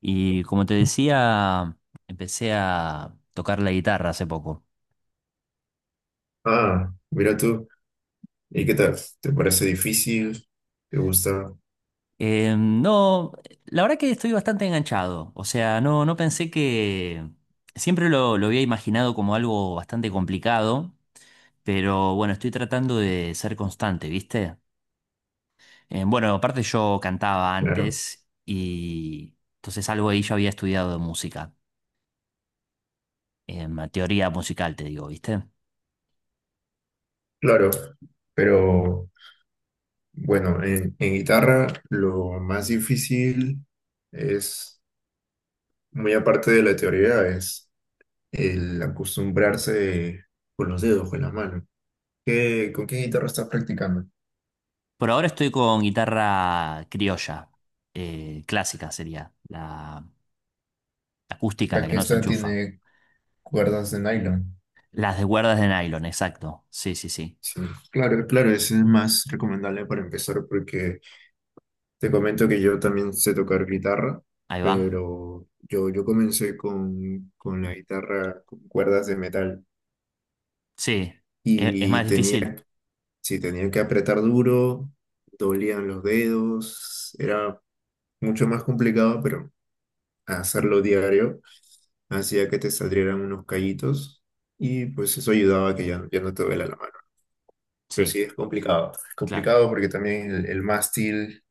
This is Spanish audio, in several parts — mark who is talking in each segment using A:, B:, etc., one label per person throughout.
A: Y como te decía, empecé a tocar la guitarra hace poco.
B: Ah, mira tú. ¿Y qué tal? ¿Te parece difícil? ¿Te gusta?
A: No, la verdad que estoy bastante enganchado. O sea, no pensé que... Siempre lo había imaginado como algo bastante complicado, pero bueno, estoy tratando de ser constante, ¿viste? Bueno, aparte yo cantaba
B: Claro,
A: antes y entonces algo ahí yo había estudiado de música, teoría musical, te digo, ¿viste?
B: claro. Pero bueno, en guitarra lo más difícil es, muy aparte de la teoría, es el acostumbrarse con los dedos, con la mano. ¿Con qué guitarra estás practicando?
A: Por ahora estoy con guitarra criolla, clásica sería, la acústica, la
B: La
A: que
B: que
A: no se
B: esta
A: enchufa.
B: tiene cuerdas de nylon.
A: Las de cuerdas de nylon, exacto. Sí, sí, sí.
B: Sí, claro, claro, ese es más recomendable para empezar porque te comento que yo también sé tocar guitarra,
A: Ahí va.
B: pero yo comencé con la guitarra con cuerdas de metal
A: Sí. ¿Es
B: y
A: más
B: tenía,
A: difícil?
B: si tenía que apretar duro, dolían los dedos, era mucho más complicado, pero hacerlo diario hacía que te salieran unos callitos y pues eso ayudaba a que ya, ya no te duela la mano. Pero sí
A: Sí,
B: es
A: claro.
B: complicado porque también el mástil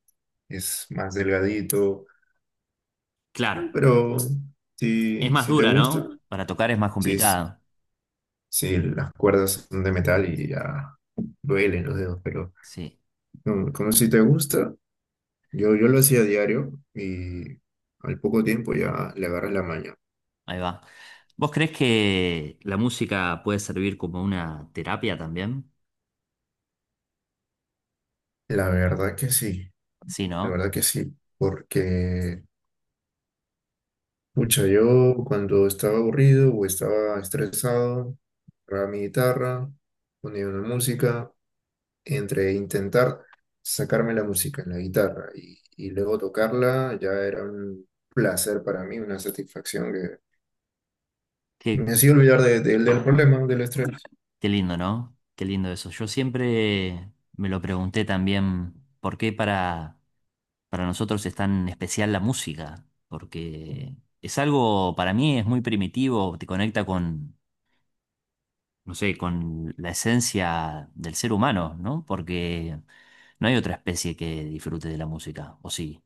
B: es más delgadito.
A: Claro.
B: No, pero
A: Es
B: si,
A: más
B: si te
A: dura,
B: gusta,
A: ¿no? Para tocar es más
B: si, es-
A: complicado.
B: si las cuerdas son de metal y ya duelen los dedos, pero
A: Sí,
B: no, como si te gusta, yo lo hacía a diario y al poco tiempo ya le agarras la maña.
A: ahí va. ¿Vos crees que la música puede servir como una terapia también?
B: La verdad que sí,
A: Sí,
B: la
A: ¿no?
B: verdad que sí, porque, pucha, yo cuando estaba aburrido o estaba estresado, agarraba mi guitarra, ponía una música, entre intentar sacarme la música en la guitarra y luego tocarla, ya era un placer para mí, una satisfacción que
A: qué
B: me hacía olvidar del problema, del estrés.
A: Qué lindo, ¿no? Qué lindo eso. Yo siempre me lo pregunté también, ¿por qué para nosotros es tan especial la música? Porque es algo, para mí es muy primitivo, te conecta con, no sé, con la esencia del ser humano, ¿no? Porque no hay otra especie que disfrute de la música, o sí.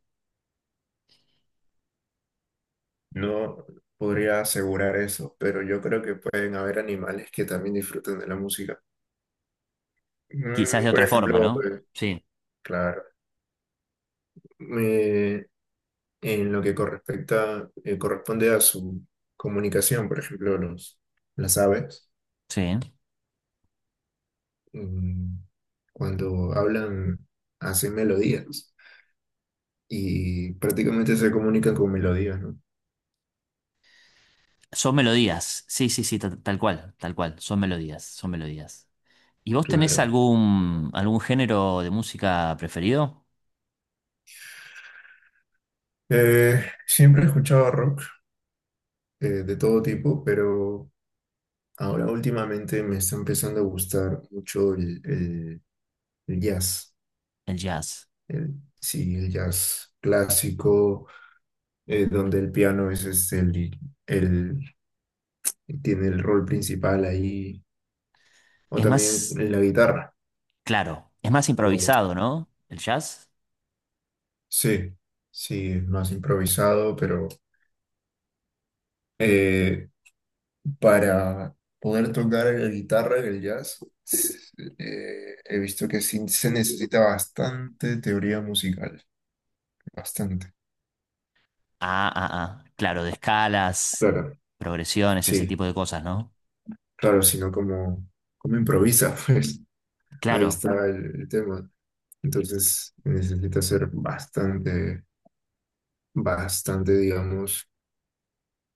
B: No podría asegurar eso, pero yo creo que pueden haber animales que también disfruten de la música.
A: Quizás
B: Mm,
A: de
B: por
A: otra forma,
B: ejemplo,
A: ¿no? Sí,
B: claro, me- en lo que correspecta, corresponde a su comunicación, por ejemplo, los, las aves.
A: sí.
B: mm, cuando hablan, hacen melodías y prácticamente se comunican con melodías, ¿no?
A: Son melodías, sí, sí, sí, tal cual, son melodías, son melodías. ¿Y vos tenés
B: Claro.
A: algún género de música preferido?
B: Siempre he escuchado rock, de todo tipo, pero ahora últimamente me está empezando a gustar mucho el jazz.
A: El jazz.
B: El, sí, el jazz clásico, donde el piano es el, tiene el rol principal ahí, o
A: Es
B: también
A: más,
B: la guitarra.
A: claro, es más
B: Lo bonito,
A: improvisado, ¿no? El jazz.
B: sí, sí, es más improvisado, pero eh, para poder tocar la guitarra en el jazz, s- he visto que sí se necesita bastante teoría musical, bastante.
A: Ah, ah, ah. Claro, de escalas,
B: Claro.
A: progresiones, ese
B: Sí,
A: tipo de cosas, ¿no?
B: claro, sino como, como improvisa, pues ahí
A: Claro,
B: está el tema. Entonces necesita ser bastante, bastante, digamos,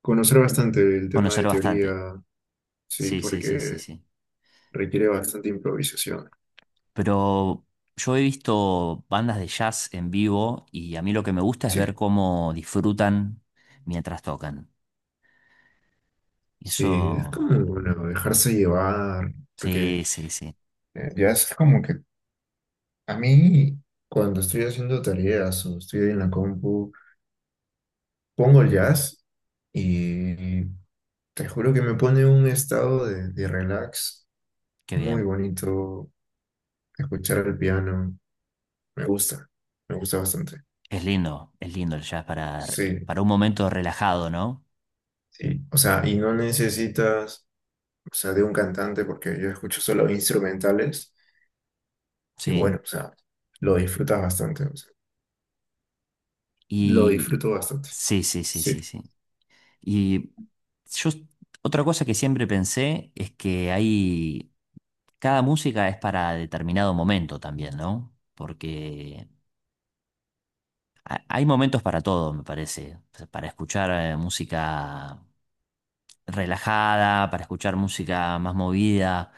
B: conocer bastante el tema
A: conocer
B: de
A: bastante.
B: teoría, sí,
A: Sí, sí, sí, sí,
B: porque
A: sí.
B: requiere bastante improvisación.
A: Pero yo he visto bandas de jazz en vivo y a mí lo que me gusta es ver
B: Sí,
A: cómo disfrutan mientras tocan.
B: sí, es
A: Eso,
B: como, bueno, dejarse llevar, porque
A: sí, sí, sí.
B: ya es como que a mí cuando estoy haciendo tareas o estoy en la compu, pongo el jazz y te juro que me pone un estado de relax
A: Qué
B: muy
A: bien.
B: bonito, escuchar el piano, me gusta, me gusta bastante.
A: Es lindo el jazz
B: Sí,
A: para un momento relajado, ¿no?
B: sí, o sea, y no necesitas, o sea, de un cantante, porque yo escucho solo instrumentales. Y
A: Sí.
B: bueno, o sea, lo disfrutas bastante, o sea, lo
A: Y
B: disfruto bastante.
A: sí, sí, sí,
B: Sí,
A: sí, sí. Y yo, otra cosa que siempre pensé es que cada música es para determinado momento también, ¿no? Porque hay momentos para todo, me parece. O sea, para escuchar música relajada, para escuchar música más movida.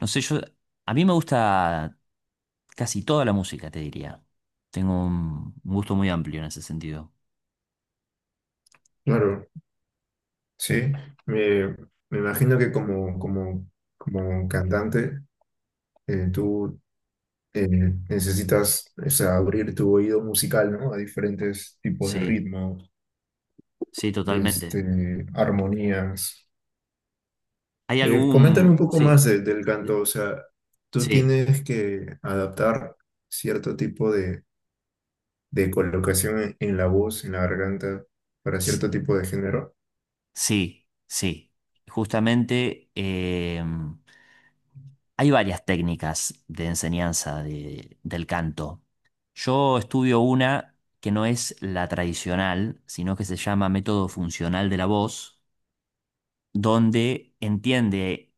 A: No sé, a mí me gusta casi toda la música, te diría. Tengo un gusto muy amplio en ese sentido.
B: claro, sí. Me, me imagino que como, como, como cantante, tú eh, necesitas, o sea, abrir tu oído musical, ¿no? A diferentes tipos de
A: Sí,
B: ritmos,
A: sí, totalmente.
B: este, armonías.
A: ¿Hay
B: Coméntame
A: algún...?
B: un poco
A: Sí,
B: más del
A: eh,
B: canto, o sea, tú
A: sí.
B: tienes que adaptar cierto tipo de colocación en la voz, en la garganta, para
A: Sí,
B: cierto tipo de género.
A: sí, sí. Justamente hay varias técnicas de enseñanza del canto. Yo estudio una que no es la tradicional, sino que se llama método funcional de la voz, donde entiende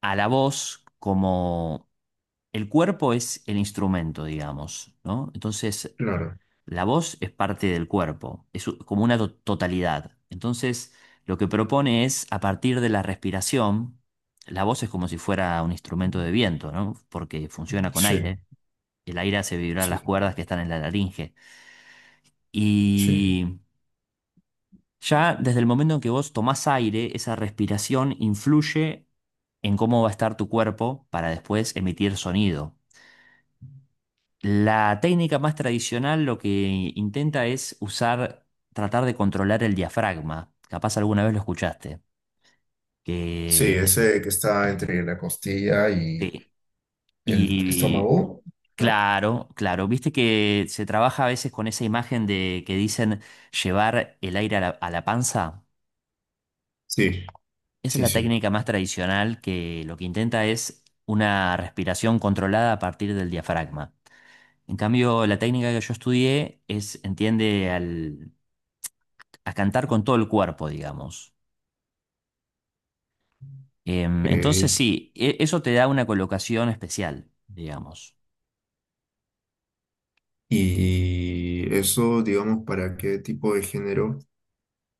A: a la voz como el cuerpo es el instrumento, digamos, ¿no? Entonces,
B: Claro,
A: la voz es parte del cuerpo, es como una totalidad. Entonces, lo que propone es, a partir de la respiración, la voz es como si fuera un instrumento de viento, ¿no? Porque funciona con
B: sí,
A: aire. El aire hace vibrar las
B: sí,
A: cuerdas que están en la laringe.
B: sí.
A: Y ya desde el momento en que vos tomás aire, esa respiración influye en cómo va a estar tu cuerpo para después emitir sonido. La técnica más tradicional lo que intenta es tratar de controlar el diafragma. Capaz alguna vez lo escuchaste.
B: Sí,
A: Que,
B: ese que está entre la costilla y
A: sí.
B: el
A: Y
B: estómago, ¿no?
A: claro, claro, viste que se trabaja a veces con esa imagen de que dicen llevar el aire a la panza.
B: Sí,
A: Esa es
B: sí,
A: la
B: sí.
A: técnica más tradicional que lo que intenta es una respiración controlada a partir del diafragma. En cambio, la técnica que yo estudié entiende al a cantar con todo el cuerpo, digamos. Entonces
B: Ok.
A: sí, eso te da una colocación especial, digamos.
B: Y eso, digamos, ¿para qué tipo de género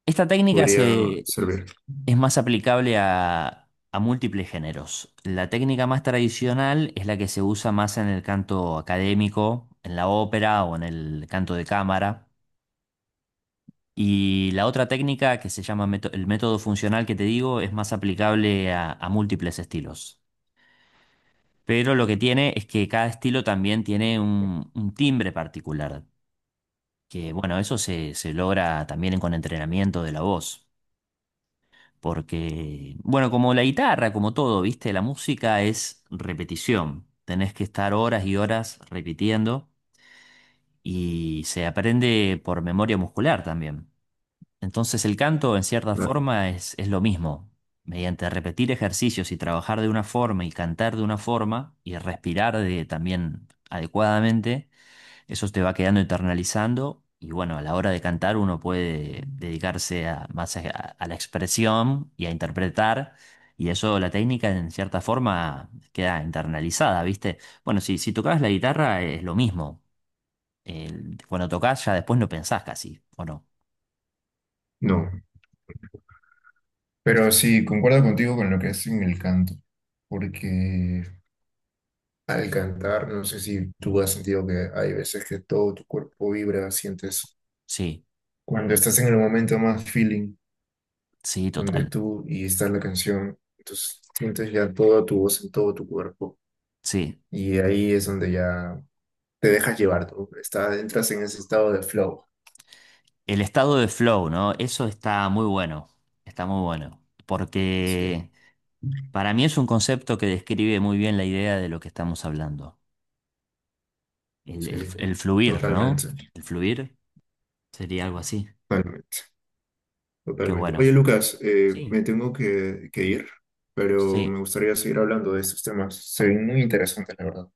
A: Esta técnica
B: podría servir?
A: es más aplicable a múltiples géneros. La técnica más tradicional es la que se usa más en el canto académico, en la ópera o en el canto de cámara. Y la otra técnica que se llama el método funcional que te digo es más aplicable a múltiples estilos. Pero lo que tiene es que cada estilo también tiene un timbre particular. Que bueno, eso se logra también con entrenamiento de la voz. Porque, bueno, como la guitarra, como todo, ¿viste? La música es repetición. Tenés que estar horas y horas repitiendo y se aprende por memoria muscular también. Entonces el canto, en cierta
B: Claro.
A: forma, es lo mismo. Mediante repetir ejercicios y trabajar de una forma y cantar de una forma y respirar también adecuadamente eso te va quedando internalizando y bueno, a la hora de cantar uno puede dedicarse más a la expresión y a interpretar y eso la técnica en cierta forma queda internalizada, ¿viste? Bueno, si tocabas la guitarra es lo mismo. Cuando tocas ya después no pensás casi, ¿o no?
B: No, pero
A: Sí.
B: sí, concuerdo contigo con lo que es en el canto, porque al cantar, no sé si tú has sentido que hay veces que todo tu cuerpo vibra, sientes
A: Sí,
B: cuando estás en el momento más feeling,
A: sí,
B: donde
A: total.
B: tú y está la canción, entonces sientes ya toda tu voz en todo tu cuerpo
A: Sí.
B: y ahí es donde ya te dejas llevar, tú estás, entras en ese estado de flow.
A: El estado de flow, ¿no? Eso está muy bueno,
B: Sí,
A: porque para mí es un concepto que describe muy bien la idea de lo que estamos hablando. El, el-
B: sí,
A: el fluir, ¿no?
B: totalmente,
A: El fluir sería algo así.
B: totalmente,
A: Qué
B: totalmente.
A: bueno.
B: Oye, Lucas,
A: Sí,
B: me tengo que ir, pero me
A: sí,
B: gustaría seguir hablando de estos temas, se ven muy interesantes, la verdad.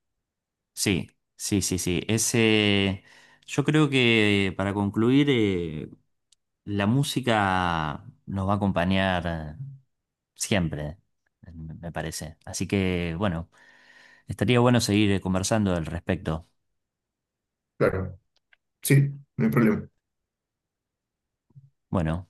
A: sí, sí, sí, sí. Yo creo que para concluir, la música nos va a acompañar siempre, me parece. Así que, bueno. Estaría bueno seguir conversando al respecto.
B: Claro, sí, no hay problema.
A: Bueno.